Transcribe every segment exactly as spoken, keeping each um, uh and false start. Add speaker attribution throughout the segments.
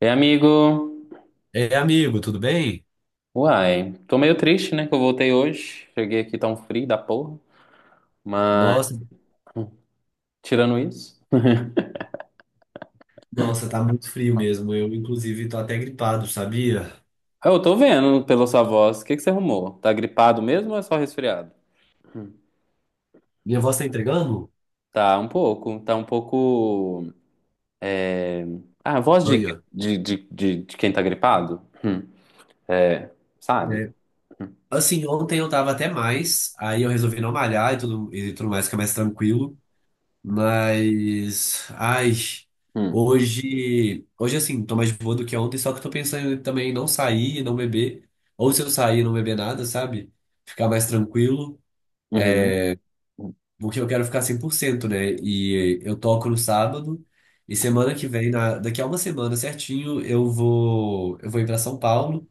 Speaker 1: E amigo,
Speaker 2: É, amigo, tudo bem?
Speaker 1: uai, tô meio triste, né, que eu voltei hoje. Cheguei aqui tão frio da porra. Mas,
Speaker 2: Nossa,
Speaker 1: hum, tirando isso...
Speaker 2: nossa, tá muito frio mesmo. Eu, inclusive, tô até gripado, sabia?
Speaker 1: Ah, eu tô vendo pela sua voz, o que que você arrumou? Tá gripado mesmo ou é só resfriado? Hum.
Speaker 2: Minha voz tá entregando?
Speaker 1: Tá um pouco, tá um pouco, é... ah, a voz de,
Speaker 2: Olha.
Speaker 1: de, de, de, de quem tá gripado? Hum. É, sabe?
Speaker 2: É. Assim, ontem eu tava até mais, aí eu resolvi não malhar e tudo, e tudo mais, ficar mais tranquilo. Mas, ai,
Speaker 1: Hum.
Speaker 2: hoje, hoje assim, tô mais de boa do que ontem, só que eu tô pensando também em não sair e não beber. Ou se eu sair e não beber nada, sabe? Ficar mais tranquilo.
Speaker 1: Uhum.
Speaker 2: Porque eu quero ficar cem por cento, né? E eu toco no sábado, e semana que vem, na, daqui a uma semana certinho, eu vou, eu vou ir para São Paulo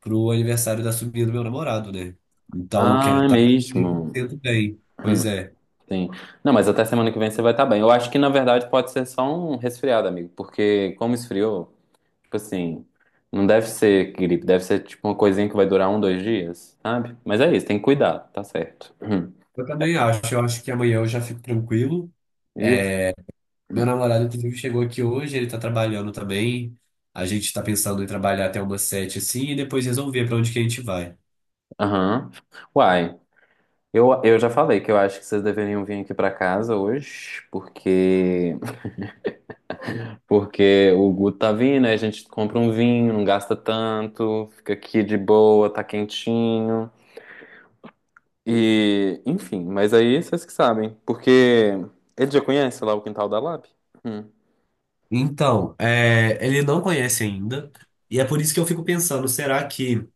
Speaker 2: pro aniversário da sobrinha do meu namorado, né? Então eu quero
Speaker 1: Ah, é
Speaker 2: estar cem por
Speaker 1: mesmo.
Speaker 2: cento bem. Pois
Speaker 1: Hum.
Speaker 2: é.
Speaker 1: Sim. Não, mas até semana que vem você vai estar bem. Eu acho que na verdade pode ser só um resfriado, amigo, porque como esfriou, tipo assim, não deve ser gripe, deve ser tipo uma coisinha que vai durar um, dois dias, sabe? Mas é isso, tem que cuidar, tá certo.
Speaker 2: Eu também acho, eu acho que amanhã eu já fico tranquilo.
Speaker 1: Isso.
Speaker 2: Meu namorado, inclusive, chegou aqui hoje, ele tá trabalhando também. A gente tá pensando em trabalhar até umas sete, assim, e depois resolver para onde que a gente vai.
Speaker 1: Aham. Uai, eu, eu já falei que eu acho que vocês deveriam vir aqui pra casa hoje, porque porque o Guto tá vindo, aí a gente compra um vinho, não gasta tanto, fica aqui de boa, tá quentinho. E, enfim, mas aí vocês que sabem. Porque ele já conhece lá o quintal da Lab? Hum.
Speaker 2: Então, é, ele não conhece ainda, e é por isso que eu fico pensando, será que.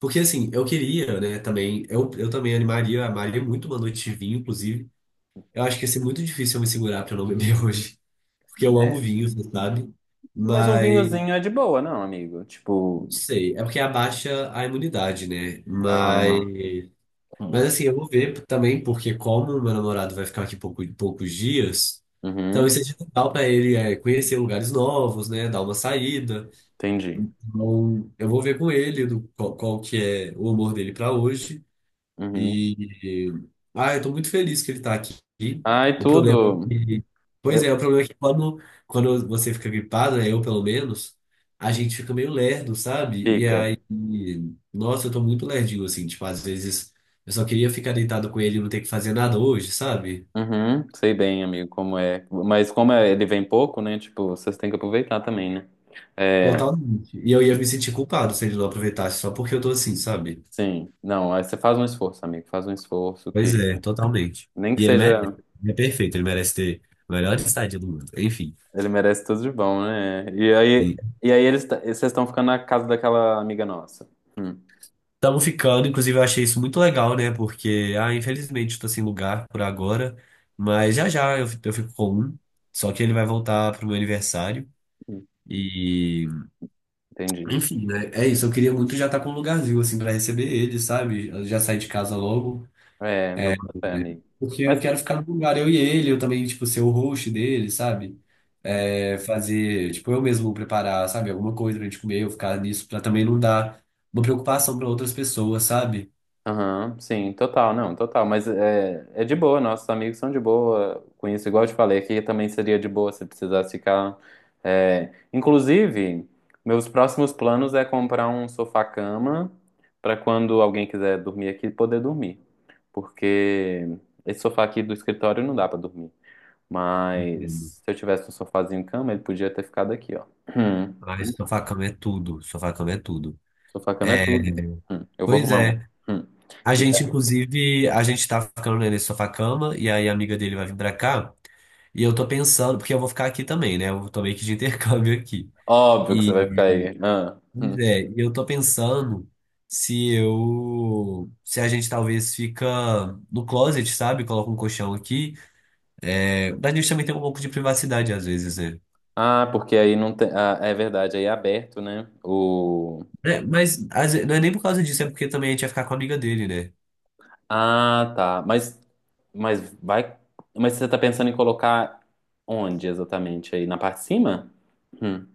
Speaker 2: Porque assim, eu queria, né, também, eu, eu também animaria, amaria muito uma noite de vinho, inclusive. Eu acho que ia ser muito difícil eu me segurar pra eu não beber hoje, porque eu amo vinho, você sabe?
Speaker 1: Mas um
Speaker 2: Mas,
Speaker 1: vinhozinho é de boa, não, amigo?
Speaker 2: não
Speaker 1: Tipo.
Speaker 2: sei, é porque abaixa a imunidade, né? Mas,
Speaker 1: Ah,
Speaker 2: mas
Speaker 1: hum.
Speaker 2: assim, eu vou ver também, porque como meu namorado vai ficar aqui pouco, poucos dias, então talvez
Speaker 1: Uhum,
Speaker 2: seja legal pra ele, é, conhecer lugares novos, né, dar uma saída.
Speaker 1: entendi.
Speaker 2: Então, eu vou ver com ele do, qual, qual que é o humor dele para hoje.
Speaker 1: Uhum.
Speaker 2: E, ah, eu tô muito feliz que ele tá aqui.
Speaker 1: Ai,
Speaker 2: O problema é
Speaker 1: tudo.
Speaker 2: que, pois é, o
Speaker 1: Eu...
Speaker 2: problema é que quando, quando você fica gripado, né, eu pelo menos, a gente fica meio lerdo, sabe? E
Speaker 1: Fica.
Speaker 2: aí, nossa, eu tô muito lerdinho, assim, tipo, às vezes eu só queria ficar deitado com ele e não ter que fazer nada hoje, sabe?
Speaker 1: Uhum, sei bem, amigo, como é. Mas como é- ele vem pouco, né? Tipo, vocês têm que aproveitar também, né? É,
Speaker 2: Totalmente. E eu ia me sentir culpado se ele não aproveitasse só porque eu tô assim, sabe?
Speaker 1: sim. Não, aí você faz um esforço, amigo. Faz um esforço que.
Speaker 2: Pois é, totalmente.
Speaker 1: Nem que
Speaker 2: E ele merece.
Speaker 1: seja.
Speaker 2: Ele é perfeito, ele merece ter a melhor estadia do mundo. Enfim.
Speaker 1: Ele merece tudo de bom, né? E aí, e aí eles t- vocês estão ficando na casa daquela amiga nossa. Hum,
Speaker 2: Estamos ficando, inclusive eu achei isso muito legal, né? Porque, ah, infelizmente estou sem lugar por agora, mas já já eu, fi- eu fico com um. Só que ele vai voltar pro meu aniversário. E,
Speaker 1: entendi.
Speaker 2: enfim, né? É isso, eu queria muito já estar com um lugarzinho, assim, para receber ele, sabe? Eu já saí de casa logo.
Speaker 1: É, meu papai, amigo.
Speaker 2: Porque
Speaker 1: Mas.
Speaker 2: eu quero ficar no lugar, eu e ele, eu também, tipo, ser o host dele, sabe? É, fazer, tipo, eu mesmo preparar, sabe, alguma coisa pra gente comer, eu ficar nisso, pra também não dar uma preocupação pra outras pessoas, sabe?
Speaker 1: Aham, sim, total, não, total. Mas é, é de boa, nossos amigos são de boa com isso. Igual eu te falei, aqui também seria de boa se precisasse ficar. É, inclusive, meus próximos planos é comprar um sofá-cama para quando alguém quiser dormir aqui, poder dormir. Porque esse sofá aqui do escritório não dá para dormir.
Speaker 2: Entendo.
Speaker 1: Mas se eu tivesse um sofazinho cama, ele podia ter ficado aqui, ó. Hum.
Speaker 2: Ai, sofá cama é tudo, sofá-cama é tudo.
Speaker 1: Sofá-cama é
Speaker 2: É,
Speaker 1: tudo. Hum. Eu vou
Speaker 2: pois
Speaker 1: arrumar um.
Speaker 2: é.
Speaker 1: Hum.
Speaker 2: A gente, inclusive, a gente tá ficando né, nesse sofá-cama, e aí a amiga dele vai vir pra cá. E eu tô pensando, porque eu vou ficar aqui também, né? Eu tô meio que de intercâmbio aqui.
Speaker 1: Óbvio que você
Speaker 2: E
Speaker 1: vai ficar aí. Ah, hum.
Speaker 2: pois é, e eu tô pensando se eu, se a gente talvez fica no closet, sabe? Coloca um colchão aqui. É, a gente também tem um pouco de privacidade às vezes, né?
Speaker 1: Ah, porque aí não tem. Ah, é verdade, aí é aberto, né? O.
Speaker 2: É, mas às ve- não é nem por causa disso, é porque também a gente ia ficar com a amiga dele, né?
Speaker 1: Ah, tá. Mas, mas vai. Mas você tá pensando em colocar onde exatamente? Aí na parte de cima? Hum.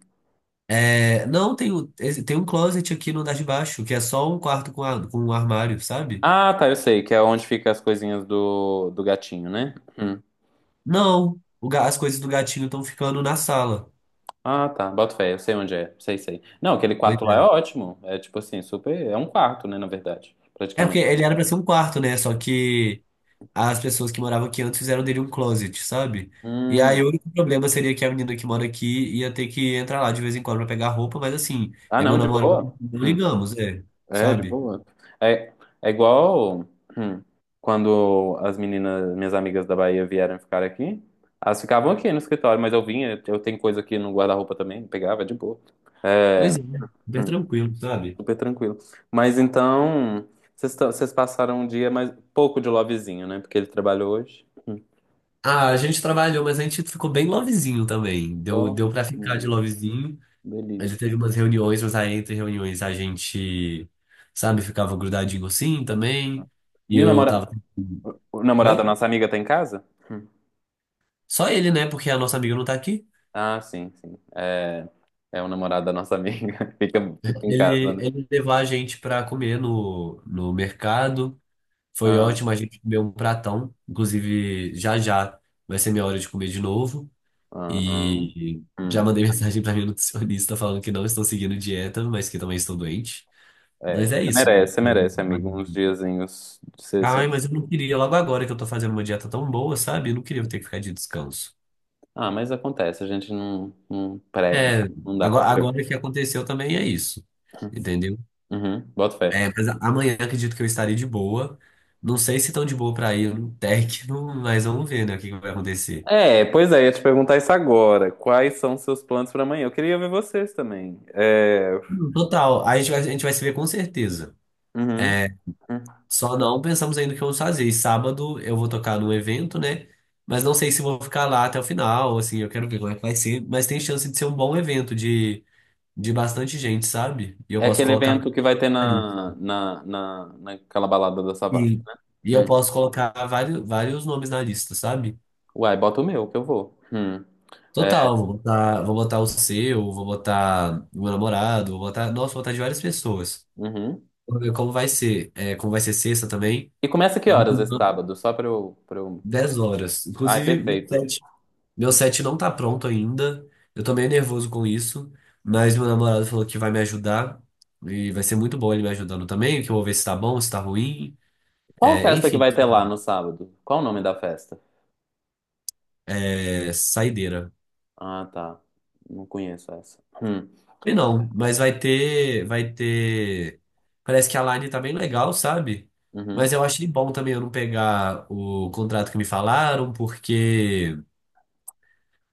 Speaker 2: É, não, tem, o- esse- tem um closet aqui no andar de baixo, que é só um quarto com, a- com um armário, sabe?
Speaker 1: Ah, tá, eu sei, que é onde fica as coisinhas do, do gatinho, né? Hum.
Speaker 2: Não, o ga- as coisas do gatinho estão ficando na sala.
Speaker 1: Ah, tá. Boto fé, eu sei onde é. Sei, sei. Não, aquele
Speaker 2: Pois
Speaker 1: quarto lá é
Speaker 2: é.
Speaker 1: ótimo. É tipo assim, super. É um quarto, né, na verdade,
Speaker 2: É porque
Speaker 1: praticamente.
Speaker 2: ele era pra ser um quarto, né? Só que as pessoas que moravam aqui antes fizeram dele um closet, sabe? E aí
Speaker 1: Hum.
Speaker 2: o único problema seria que a menina que mora aqui ia ter que entrar lá de vez em quando pra pegar roupa, mas assim,
Speaker 1: Ah,
Speaker 2: é meu
Speaker 1: não, de
Speaker 2: namorado,
Speaker 1: boa.
Speaker 2: não
Speaker 1: Hum.
Speaker 2: ligamos, é,
Speaker 1: É, de
Speaker 2: sabe?
Speaker 1: boa. É, é igual hum, quando as meninas, minhas amigas da Bahia vieram ficar aqui. Elas ficavam aqui no escritório, mas eu vinha, eu tenho coisa aqui no guarda-roupa também, pegava, é de boa. É,
Speaker 2: Pois é, super
Speaker 1: hum,
Speaker 2: tranquilo, sabe?
Speaker 1: super tranquilo. Mas então, vocês tão- vocês passaram um dia mais pouco de lovezinho, né? Porque ele trabalhou hoje. Hum.
Speaker 2: Ah, a gente trabalhou, mas a gente ficou bem lovezinho também. Deu,
Speaker 1: Oh,
Speaker 2: deu pra ficar de
Speaker 1: hum,
Speaker 2: lovezinho. A gente teve
Speaker 1: delícia.
Speaker 2: umas reuniões, mas aí entre reuniões a gente, sabe, ficava grudadinho assim também. E
Speaker 1: E o
Speaker 2: eu
Speaker 1: namora...
Speaker 2: tava.
Speaker 1: o namorado da
Speaker 2: Oi?
Speaker 1: nossa amiga tá em casa?
Speaker 2: Só ele, né? Porque a nossa amiga não tá aqui.
Speaker 1: Ah, sim, sim. É, é o namorado da nossa amiga. Fica, fica em casa,
Speaker 2: Ele,
Speaker 1: né?
Speaker 2: ele levar a gente para comer no, no mercado. Foi
Speaker 1: Ah,
Speaker 2: ótimo, a gente comeu um pratão. Inclusive, já já vai ser minha hora de comer de novo.
Speaker 1: aham.
Speaker 2: E já
Speaker 1: Hum,
Speaker 2: mandei mensagem para minha nutricionista falando que não estou seguindo dieta, mas que também estou doente.
Speaker 1: é,
Speaker 2: Mas
Speaker 1: você
Speaker 2: é isso.
Speaker 1: merece, você merece, amigo, uns diazinhos. de ser-
Speaker 2: Ai,
Speaker 1: ser-
Speaker 2: mas eu não queria logo agora que eu tô fazendo uma dieta tão boa, sabe? Eu não queria ter que ficar de descanso.
Speaker 1: Ah, mas acontece, a gente não, não, pré...
Speaker 2: É,
Speaker 1: não dá pra
Speaker 2: agora, agora
Speaker 1: prever.
Speaker 2: que aconteceu também é isso. Entendeu?
Speaker 1: Uhum, boto fé.
Speaker 2: É, mas a- amanhã acredito que eu estarei de boa. Não sei se tão de boa pra ir no Tech, não- mas vamos ver, né, o que que vai acontecer.
Speaker 1: É, pois é, ia te perguntar isso agora. Quais são seus planos pra amanhã? Eu queria ver vocês também. É,
Speaker 2: Hum. Total, a gente vai, a gente vai se ver com certeza.
Speaker 1: uhum. Uhum.
Speaker 2: Só não pensamos ainda o que vamos fazer. E sábado eu vou tocar num evento, né? Mas não sei se vou ficar lá até o final, assim, eu quero ver como é que vai ser. Mas tem chance de ser um bom evento, de, de bastante gente, sabe? E eu
Speaker 1: É
Speaker 2: posso
Speaker 1: aquele
Speaker 2: colocar
Speaker 1: evento que vai ter
Speaker 2: ali.
Speaker 1: na, na, na, naquela balada da Savassi,
Speaker 2: E,
Speaker 1: né?
Speaker 2: e eu
Speaker 1: Hum.
Speaker 2: posso colocar vários, vários nomes na lista, sabe?
Speaker 1: Uai, bota o meu, que eu vou. Hum. É,
Speaker 2: Total, vou botar, vou botar o seu, vou botar o meu namorado, vou botar, nossa, vou botar de várias pessoas.
Speaker 1: uhum.
Speaker 2: Vamos ver como vai ser, é, como vai ser sexta também.
Speaker 1: E começa que horas esse sábado? Só pra eu, pra eu...
Speaker 2: Dez horas.
Speaker 1: Ai,
Speaker 2: Inclusive, meu
Speaker 1: perfeito.
Speaker 2: set, meu set não tá pronto ainda. Eu tô meio nervoso com isso, mas meu namorado falou que vai me ajudar. E vai ser muito bom ele me ajudando também, que eu vou ver se tá bom, se tá ruim.
Speaker 1: Qual
Speaker 2: É,
Speaker 1: festa que
Speaker 2: enfim,
Speaker 1: vai ter lá no sábado? Qual o nome da festa?
Speaker 2: é saideira.
Speaker 1: Ah, tá. Não conheço essa. Hum.
Speaker 2: E não, mas vai ter, vai ter. Parece que a line tá bem legal, sabe? Mas
Speaker 1: Uhum.
Speaker 2: eu achei bom também eu não pegar o contrato que me falaram, porque.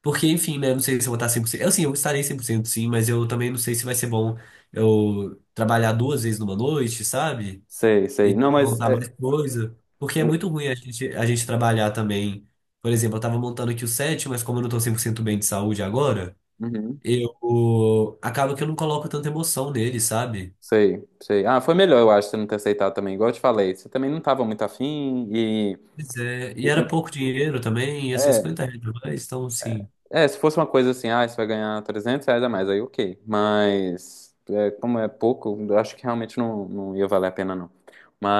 Speaker 2: Porque, enfim, né? Eu não sei se eu vou estar cem por cento. Eu sim, eu estarei cem por cento sim, mas eu também não sei se vai ser bom eu trabalhar duas vezes numa noite, sabe?
Speaker 1: Sei, sei.
Speaker 2: E
Speaker 1: Não, mas...
Speaker 2: montar
Speaker 1: é,
Speaker 2: mais coisa. Porque é
Speaker 1: é,
Speaker 2: muito ruim a gente, a gente trabalhar também. Por exemplo, eu tava montando aqui o set, mas como eu não tô cem por cento bem de saúde agora
Speaker 1: uhum.
Speaker 2: eu acaba que eu não coloco tanta emoção nele, sabe?
Speaker 1: Sei, sei. Ah, foi melhor, eu acho, você não ter aceitado também. Igual eu te falei, você também não tava muito afim e...
Speaker 2: Pois é, e
Speaker 1: e-
Speaker 2: era
Speaker 1: e-
Speaker 2: pouco dinheiro também, ia ser
Speaker 1: é,
Speaker 2: cinquenta reais mais, então assim.
Speaker 1: É, se fosse uma coisa assim, ah, você vai ganhar trezentos, reais a mais, aí ok. Mas, é, como é pouco, eu acho que realmente não, não ia valer a pena, não.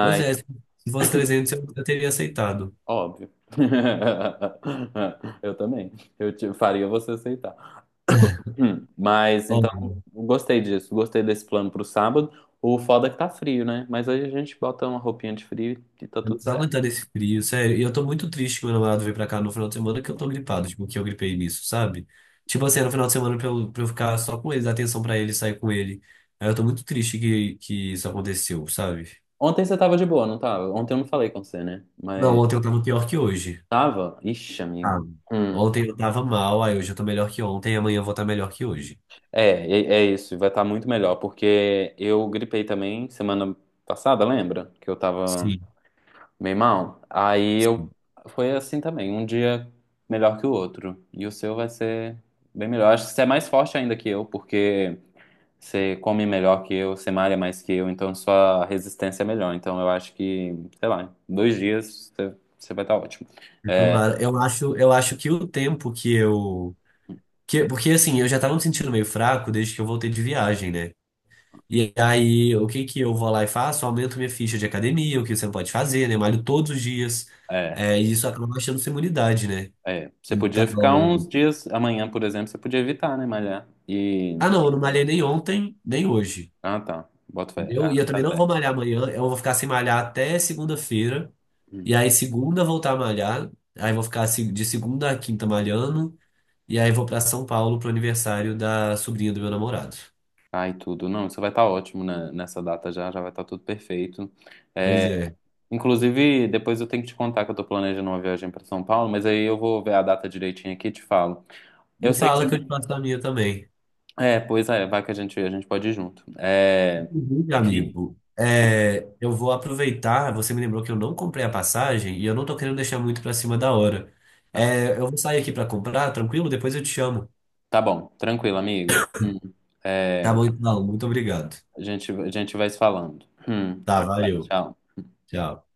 Speaker 2: Pois é, se fosse trezentos eu, eu teria aceitado.
Speaker 1: óbvio. Eu também. Eu te- faria você aceitar. Hum. Mas,
Speaker 2: Ó,
Speaker 1: então, gostei disso. Gostei desse plano pro sábado. O foda é que tá frio, né? Mas aí a gente bota uma roupinha de frio e tá
Speaker 2: eu não
Speaker 1: tudo
Speaker 2: tô
Speaker 1: certo.
Speaker 2: aguentando esse frio, sério. E eu tô muito triste que meu namorado veio pra cá no final de semana que eu tô gripado, tipo, que eu gripei nisso, sabe? Tipo assim, era no final de semana pra eu, pra eu ficar só com ele, dar atenção pra ele, sair com ele. Aí eu tô muito triste que, que isso aconteceu, sabe?
Speaker 1: Ontem você tava de boa, não tava? Ontem eu não falei com você, né?
Speaker 2: Não,
Speaker 1: Mas,
Speaker 2: ontem eu tava pior que hoje.
Speaker 1: tava? Ixi,
Speaker 2: Ah,
Speaker 1: amigo. Hum.
Speaker 2: ontem eu tava mal, aí hoje eu tô melhor que ontem, e amanhã eu vou estar melhor que hoje.
Speaker 1: É, é, é isso, vai estar muito melhor, porque eu gripei também semana passada, lembra? Que eu tava
Speaker 2: Sim,
Speaker 1: bem mal. Aí eu
Speaker 2: sim.
Speaker 1: foi assim também, um dia melhor que o outro. E o seu vai ser bem melhor. Acho que você é mais forte ainda que eu, porque você come melhor que eu, você malha mais que eu, então sua resistência é melhor. Então eu acho que, sei lá, em dois dias você, você vai estar ótimo.
Speaker 2: Eu
Speaker 1: É,
Speaker 2: tomara. Eu acho, eu acho que o tempo que eu. Que, porque assim, eu já tava me sentindo meio fraco desde que eu voltei de viagem, né? E aí, o que que eu vou lá e faço? Aumento minha ficha de academia, o que você não pode fazer, né? Malho todos os dias.
Speaker 1: é,
Speaker 2: É, e isso acaba baixando sua imunidade, né?
Speaker 1: é. Você podia ficar
Speaker 2: Então.
Speaker 1: uns dias, amanhã, por exemplo, você podia evitar, né, malhar. E
Speaker 2: Ah, não, eu não malhei nem ontem, nem hoje.
Speaker 1: Ah, tá. Bota fé.
Speaker 2: Entendeu? E
Speaker 1: Ah,
Speaker 2: eu
Speaker 1: tá
Speaker 2: também não vou
Speaker 1: certo.
Speaker 2: malhar amanhã, eu vou ficar sem malhar até segunda-feira.
Speaker 1: Hum.
Speaker 2: E aí, segunda, eu voltar a malhar. Aí, vou ficar se- de segunda a quinta malhando. E aí, vou pra São Paulo pro aniversário da sobrinha do meu namorado.
Speaker 1: Ai, tudo. Não, isso vai estar ótimo né, nessa data já, já vai estar tudo perfeito.
Speaker 2: Pois
Speaker 1: É,
Speaker 2: é.
Speaker 1: inclusive, depois eu tenho que te contar que eu tô planejando uma viagem para São Paulo, mas aí eu vou ver a data direitinho aqui e te falo. Eu
Speaker 2: Me
Speaker 1: sei que você...
Speaker 2: fala que eu te passo a minha também.
Speaker 1: É, pois é, vai que a gente, a gente pode ir junto. É,
Speaker 2: Inclusive,
Speaker 1: enfim,
Speaker 2: amigo, é, eu vou aproveitar. Você me lembrou que eu não comprei a passagem e eu não tô querendo deixar muito pra cima da hora.
Speaker 1: tá.
Speaker 2: É, eu vou sair aqui pra comprar, tranquilo? Depois eu te chamo.
Speaker 1: Tá bom. Tranquilo, amigo. Hum.
Speaker 2: Tá
Speaker 1: É,
Speaker 2: bom, então. Muito obrigado.
Speaker 1: a gente, a gente vai se falando. Hum.
Speaker 2: Tá, valeu.
Speaker 1: Tchau.
Speaker 2: Tchau.